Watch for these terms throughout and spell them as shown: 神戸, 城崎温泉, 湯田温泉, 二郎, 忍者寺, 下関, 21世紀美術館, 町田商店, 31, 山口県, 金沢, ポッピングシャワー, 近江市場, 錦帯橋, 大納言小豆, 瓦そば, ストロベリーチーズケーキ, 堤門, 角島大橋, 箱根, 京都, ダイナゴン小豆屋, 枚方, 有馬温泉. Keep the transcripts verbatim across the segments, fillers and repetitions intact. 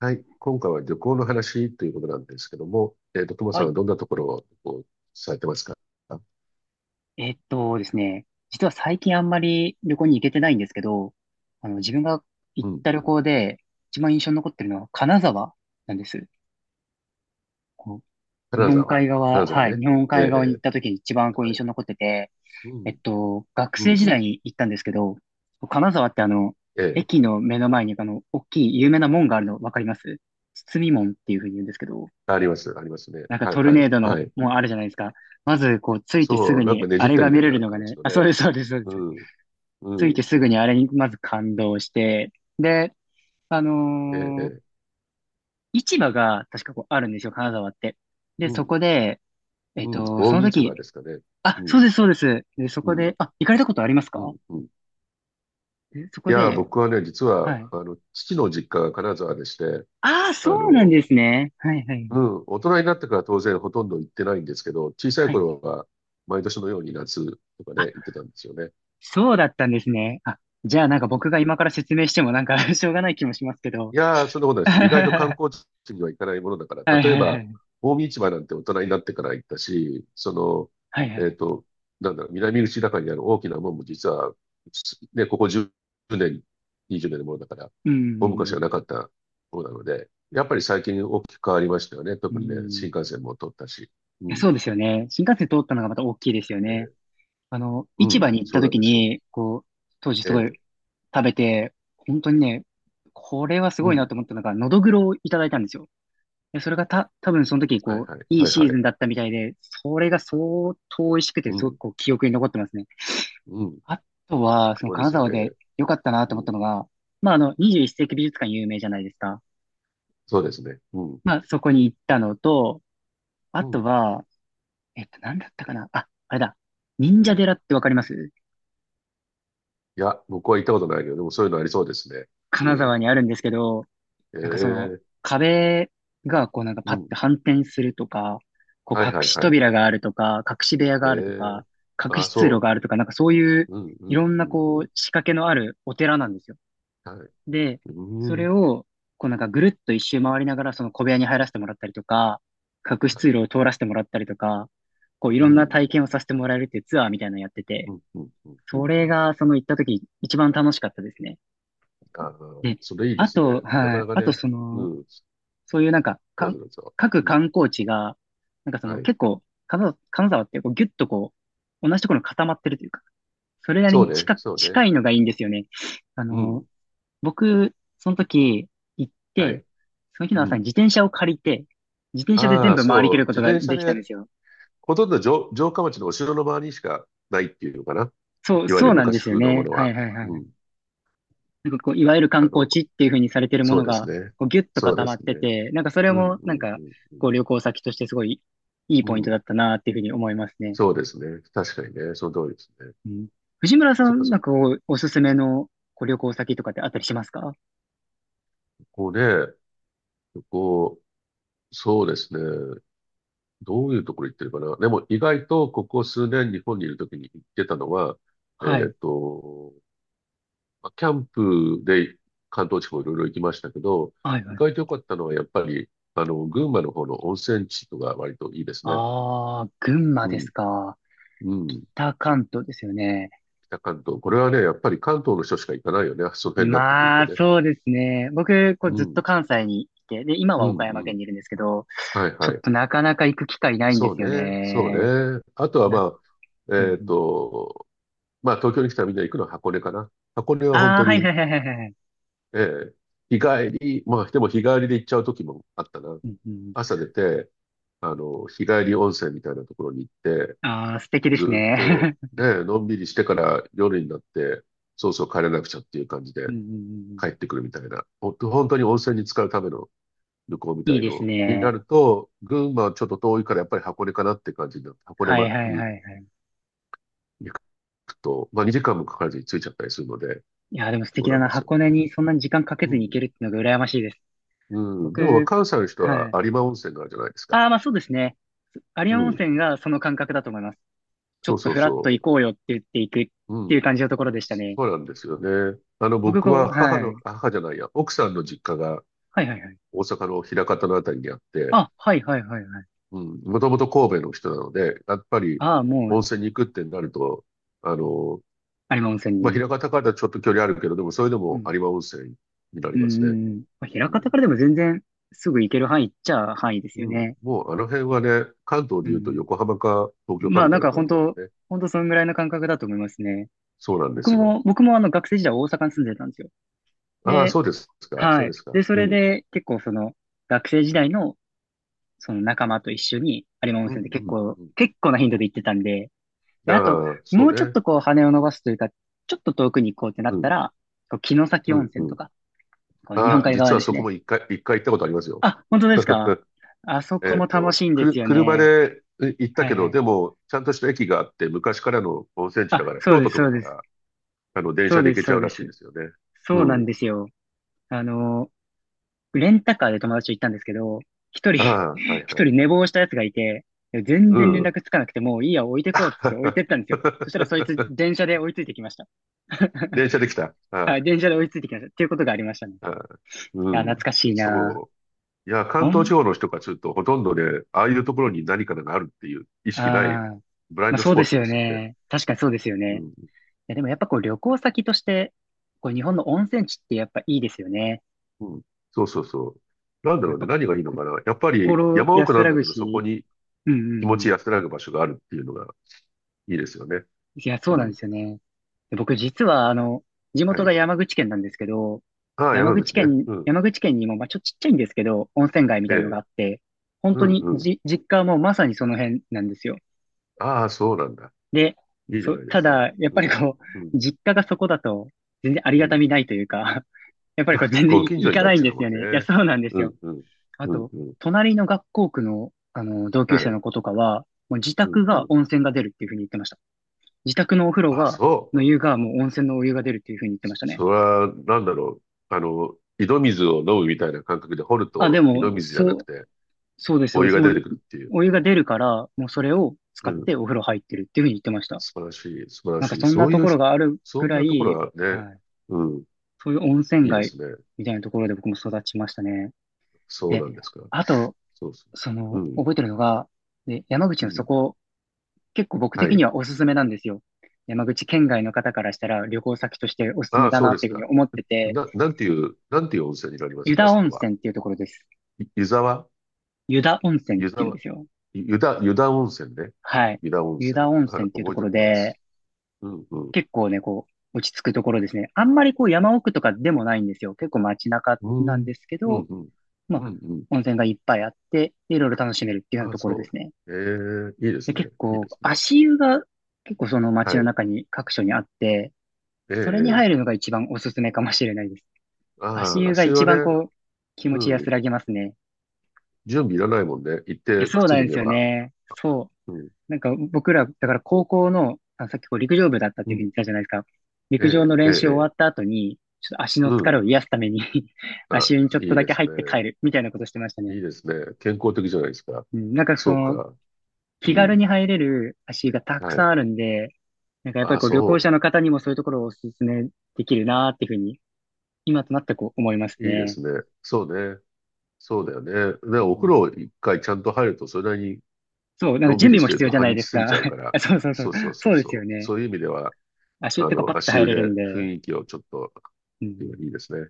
はい。今回は旅行の話ということなんですけども、えっと、トモはさんはい。どんなところをこうされてますか？えっとですね、実は最近あんまり旅行に行けてないんですけど、あの、自分が行うっん。た旅行で一番印象に残ってるのは金沢なんです。こう、日金本沢。海金側、沢はい、ね。日本ええ、海側に行えった時に一番え、こうは印い。象に残ってて、うえっん。と、学うん、生時う代ん。に行ったんですけど、金沢ってあの、ええ。駅の目の前にあの、大きい有名な門があるのわかります？堤門っていうふうに言うんですけど、あります。ありますね。なんかはい、トルはネい。ードのはい。門あるじゃないですか。まず、こう、ついてすそぐう、なんかに、ねあじっれたがみた見いれるなのが形ね、のあ、そうね。です、そうです、そうでうす。ん。着ういん。てすぐにあれにまず感動して、で、あええ、えのーえ。市場が確かこうあるんですよ、金沢って。で、うそん。こで、えっうん。と、近その江市場時、ですかね。あ、うそん。うです、そうです。で、そうこん。で、あ、行かれたことありますうか？ん。うん。でそいこやー、で、僕はね、実は、はい。あの、父の実家が金沢でして、ああ、そあうなんの、ですね。はい、はい、うん、大人になってから当然ほとんど行ってないんですけど、小さいはい。頃は毎年のように夏とかあ、ね、行ってたんですよね。そうだったんですね。あ、じゃあなんかうん、僕が今から説明してもなんか しょうがない気もしますけど。いやー、そんなことな いです。意外と観は光地には行かないものだから、い、はい、例えはば、い。近江市場なんて大人になってから行ったし、そはい、はの、えい。っと、なんだろう、南口中にある大きな門も実は、ね、ここじゅうねん、にじゅうねんのものだから、うん、う大昔はん、なかったものなので、やっぱり最近大きく変わりましたよね。う特にね、新ん。幹線も通ったし。ういやん、そうですよね。新幹線通ったのがまた大きいですよえね。ーあの、う市場ん、に行っそたうなん時ですよ。に、こう、当時えすごいえ、食べて、本当にね、これはすうごいん。なと思ったのが、のどぐろをいただいたんですよ。でそれがた、多分その時、はいこう、はい、いいはいシーはズい。ンだったみたいで、それが相当美味しくて、うすごくん、こう、記憶に残ってますね。うん。あとは、そのそうで金すよ沢ね。で良かったなうと思っん。たのが、まあ、あの、にじゅういち世紀美術館有名じゃないですか。そうですね。うん、まあ、そこに行ったのと、あうとん、は、えっと、なんだったかな。あ、あれだ。忍うん。者い寺ってわかります？や、僕は行ったことないけど、でもそういうのありそうですね。う金ん。沢にあるんですけど、えなんかそのえ、壁がこうなんかパうッん。て反転するとか、こはうい隠はいしはいは扉い。があるとか、隠し部屋えがあるとえ。か、隠あ、し通路そがあるとか、なんかそういうう。うん、ういん、ろんうなん、こうん。う仕掛けのあるお寺なんですよ。はい。で、うそれん、をこうなんかぐるっと一周回りながらその小部屋に入らせてもらったりとか、隠しは通い。路を通らせてもらったりとか、こういうろんなん、体験をさせてもらえるっていうツアーみたいなのやってうて、ん、うん、うん、うそん。うれん、がその行った時一番楽しかったですね。ああ、で、それいいであすね。と、なかはない。かあと、ね。その、うん。そういうなんか、どうか、ぞどうぞ。各うん。観光地が、なんかその、はい。結構、金沢、金沢ってこうギュッとこう、同じところに固まってるというか、それなりそうにね、近、そうね。近いのがいいんですよね。あうの、ん。僕、その時行っはて、い。その日のう朝にん。自転車を借りて、自転車であ全あ、部回りきそう。るこ自とが転車できたんでですよ。ほとんど城、城下町のお城の周りにしかないっていうのかな。そう、いわゆそるうなんで昔すよ風のもね。のはいは。はいはうい。ん。なんかこう、いわゆる観あ光の、地っていう風にされてるもそうのですが、ね。こう、ギュッとそう固でまっすてね。て、なんかそれうん、も、うなんん、か、うん、うこう、旅行先としてすごいいいん。ポインうトん、だったなっていう風に思いますね。そうですね。確かにね。その通りですね。うん。藤村さそっかん、そなっんかか。こう、おすすめのこう旅行先とかってあったりしますか？こうね、こ行、そうですね。どういうところ行ってるかな。でも意外とここ数年日本にいるときに行ってたのは、えはっい。と、まあキャンプで関東地方いろいろ行きましたけど、はい意はい。外と良かったのはやっぱり、あの、群馬の方の温泉地とか割といいですね。ああ、群馬うですん、か。うん、北関東ですよね。北関東。これはね、やっぱり関東の人しか行かないよね。その辺になってくるまとあ、ね。そうですね。僕、こう、うずっん、と関西にいて、で、今うは岡ん、山う県ん。にいるんですけど、はい、ちょはっい。となかなか行く機会ないんでそうすよね、そね。うね。あとはな、まあ、うんうえっん。と、まあ東京に来たらみんな行くのは箱根かな。箱根は本ああ、当はいはに、いはいはいはい。ええ、日帰り、まあでも日帰りで行っちゃう時もあったな。うんうん、朝出て、あの、日帰り温泉みたいなところに行って、ああ、素敵ですずっとね。ね、のんびりしてから夜になって、そうそう、帰れなくちゃっていう感じうでんうんうんうん、帰ってくるみたいな、ほんと本当に温泉に浸かるための旅行みたいいいですのになね。ると、群馬はちょっと遠いからやっぱり箱根かなって感じになって、箱根はいまはいにはいはい。行くと、まあにじかんもかからずに着いちゃったりするので、いや、でも素そう敵なだんな。ですよ箱ね。根にそんなに時間かけうずにん。行けるっていうのが羨ましいです。うん。でも僕、関西の人ははい。有馬温泉があるじゃないですか。ああ、まあそうですね。有う馬温ん。泉がその感覚だと思います。ちょそうっとそうフラッとそ行こうよって言って行くっう。てういうん。感じのところでしたそね。うなんですよね。あの、僕、僕こう、は母はの、い。あ、母じゃないや、奥さんの実家がはいはいはい。大阪の枚方のあたりにあって、あ、はいはいはいはい。うん、もともと神戸の人なので、やっぱりああ、も温う、泉に行くってなると、あの、有馬温泉まあ、に。枚方からちょっと距離あるけど、でもそれでうもん。有馬温泉になうりんますうね。んうん。まあ、枚う方ん。からでも全然すぐ行ける範囲っちゃ範囲ですうよん。ね。もうあの辺はね、関東うで言うとん。横浜か東京かまあみたないんなか感本じだも当、んね。本当そのぐらいの感覚だと思いますね。そうなんで僕すよ。も、僕もあの学生時代大阪に住んでたんですよ。ああ、で、そうですか。そはうでい。すか。で、そうれん。で結構その学生時代のその仲間と一緒に有馬温うん、泉って結うん、構、うん。結構な頻度で行ってたんで、で、あと、ああ、そもううちょっね。とこう羽を伸ばすというか、ちょっと遠くに行こうってなうったん、ら、こう城崎う温ん、う泉とん。か、こう日本あ、海実側はですそこね。も一回、一回行ったことありますよ。あ、本当ですか？ あそえこっも楽と、しいんくでする、よ車ね。で行ったはけいはど、でい。も、ちゃんとした駅があって、昔からの温泉地だかあ、ら、そう京で都す、とそかうかです。ら、あの、電そ車うで行でけす、ちゃそううらでしいす。ですよね。うそうなんん。ですよ。あの、レンタカーで友達と行ったんですけど、一人 ああ、は い一はい。人寝坊したやつがいて、全う然連ん。絡つかなくて、もういいや、置いてこうっつって置いてったんですよ。そしたらそいつ、電車で追いついてきました。電車で来た。はい、は電車で追いついてきました。っていうことがありましたね。いい。はい。うや、懐ん。かしいなそう。いや、ぁ。関お東ん、地あ方の人からすると、ほとんどね、ああいうところに何かがあるっていう意あ、識ない、ブライまンあドスそうポでッすトでよすよね。ね。確かにそうですようね。いん。や、でもやっぱこう旅行先として、こう日本の温泉地ってやっぱいいですよね。うん。そうそうそう。なんだやろっうね。ぱ何がいいのこ、かな。やっぱり心山奥安なんらだぐけど、そこし、にうんう気持ちん。安らぐ場所があるっていうのがいいですよね。いや、そううなんん。ですよね。で僕実は、あの、地は元い。が山口県なんですけど、ああ、山山口口ね。県、うん。山口県にも、まあ、ちょっとちっちゃいんですけど、温泉街みえたいなのがえ。あって、本う当んにうん。じ、実家はもうまさにその辺なんですよ。ああ、そうなんだ。で、いいじゃそ、ないでたすか。だ、やっうぱりん。こうん。う、実家がそこだと、全然ありうがたん。みないというか、やっぱりまこう、あ、全然ごい近所行にかなっないんちゃうですもよんね。いや、ね。そうなんですうよ。んうん。あうんと、うん。隣の学校区の、あの、同は級生い。の子とかは、もう自うん宅うがん。温泉が出るっていうふうに言ってました。自宅のお風呂あ、が、そう。の湯が、もう温泉のお湯が出るっていうふうに言ってまそ、したそね。れは、なんだろう。あの、井戸水を飲むみたいな感覚で掘るあ、でと、井戸も、水じゃなそくう、て、そうです、そうおで湯す。がも出てう、くるっていう。お湯が出るから、もうそれを使うっん、てお風呂入ってるっていうふうに言ってました。素晴らしい、素晴らなんかしい。そんそなういとうころひ、があるそぐんらなところい、はね、はい。うん、そういう温泉いいで街すね。みたいなところで僕も育ちましたね。そうで、なんですか。あと、そうそそう。うの、ん、覚えてるのが、で、山口うのそん。こ、結構僕は的にい。はおすすめなんですよ。山口県外の方からしたら旅行先としておすすあめあ、だそうなでっすていうふうにか。思ってて、な、なんていう、なんていう温泉になります湯か、田そ温こは。泉っていうところです。い湯沢湯田温泉っ湯ていうん沢ですよ。ゆ湯田、湯田温泉ね。はい。湯田温湯泉。田温はい、泉っていうと覚えこておろきまで、す。うん、うん。結構ね、こう、落ち着くところですね。あんまりこう山奥とかでもないんですよ。結構街中うなんん、ですけうん、ど、うん。まあ、うん、うん。温泉がいっぱいあって、でいろいろ楽しめるっていうようなああ、ところですそね。う。ええ、いいでで、すね。結いいで構、すね。足湯が結構その街はのい。中に各所にあって、えそれにえ入るええ、のが一番おすすめかもしれないです。足ああ、湯が足湯一はね、番こう、気持うち安ん、らぎますね。準備いらないもんね。行っいやてそう靴な脱んですげよば。ね。そう。うん。なんか僕ら、だから高校の、あ、さっきこう陸上部だったっうていうふうにん。言ったじゃないですか。え陸上のえ、ええ、練習終えわっえ。た後に、ちょっと足のう疲ん。れを癒すために あ、足湯にちょっいといだでけす入ね。って帰るみたいなことしてましたね。いいですね。健康的じゃないですか。うん、なんかそそうの、か。気う軽ん。に入れる足湯がたくはさい。んあるんで、なんかやっぱりあ、こう旅行そ者の方にもそういうところをお勧めできるなーっていうふうに、今となってこう思いますう。いいでね。すね。そうね。そうだよね。で、うお風ん、呂一回ちゃんと入ると、それなりにそう、なんかのん準び備りしもてる必要とじゃ半ないで日す過ぎか。ちゃうか ら。あそうそうそそう。うそうそそううでそすよう。ね。そういう意味では、足湯っあてこうパッの、と足入湯れるでんで、雰囲気をちょっと、ういん、いですね。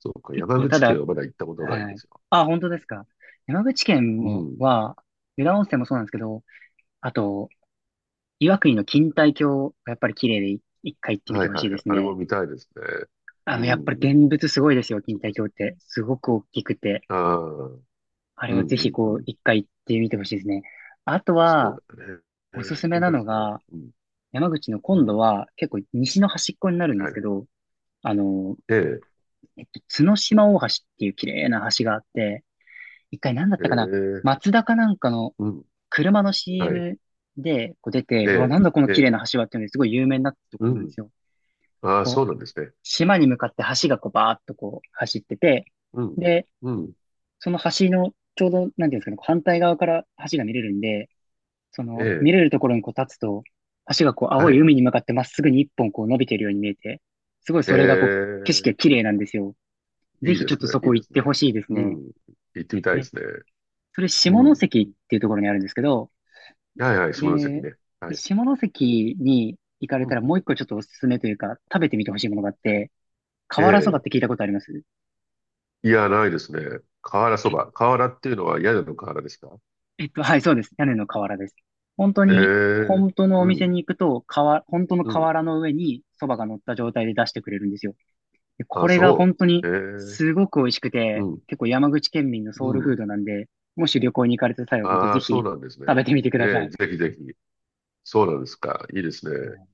そうか。結山構た口県だはまだ行ったことないんはでい。すよ。あ、本当ですか。山口県うも、ん。は、湯田温泉もそうなんですけど、あと、岩国の錦帯橋がやっぱり綺麗でい一回行ってみはていほはいしいではい。すあれもね。見たいですね。あうの、やっぱりん。現物すごいですよ、錦そっか帯そ橋っって。すごく大きくて。か。ああ、うんあれうはぜひんうこう、ん。一回行ってみてほしいですね。あとそは、うだね。えおすー、すめ見なたいでのすね。が、うん。山口のう今度ん。は結構西の端っこになるんではすい。けど、あの、ええ、えっと、角島大橋っていう綺麗な橋があって、一回何だっえたかな、え、松田かなんかのうん。車の はい。シーエム でこう出て、えうわ、なえ、んだこのえ綺麗え、な橋はっていうのですごい有名になったとこうろなんでん。すよ。ああ、こそうなう、んですね。島に向かって橋がこうバーっとこう走ってて、うん。で、うん。その橋のちょうど、なんていうんですかね、こう反対側から橋が見れるんで、そえの見え、れるところにこう立つと、橋がこう青はいい。海に向かってまっすぐに一本こう伸びてるように見えて、すごいえそれがこう景色がえ、綺麗なんですよ。ぜいいひでちょっすとね。そいいこで行っすてね。ほしいですうね。ん。行ってみたいでで、すね。それ下うん。関っていうところにあるんですけど、はいはい、下関で、ね。はい。下関に行かれうたらん。もう一個ちょっとおすすめというか、食べてみてほしいものがあっはい。て、瓦そばっえて聞いたことあります？え、いや、ないですね。瓦そば。瓦っていうのは屋根の瓦ですか？えっと、はい、そうです。屋根の瓦です。本当えに、え、本当のおう店ん、に行くと、瓦、本当のうん。瓦の上にそばが乗った状態で出してくれるんですよ。で、こあ、れがそ本当にう。ええ、すごく美味しくうて、ん、結構山口県民のうソウルフん。ードなんで、もし旅行に行かれた際は本当あぜあ、そひうなんです食ね。べてみてくださええ、い。ぜひぜひ。そうなんですか。いいですはね。い。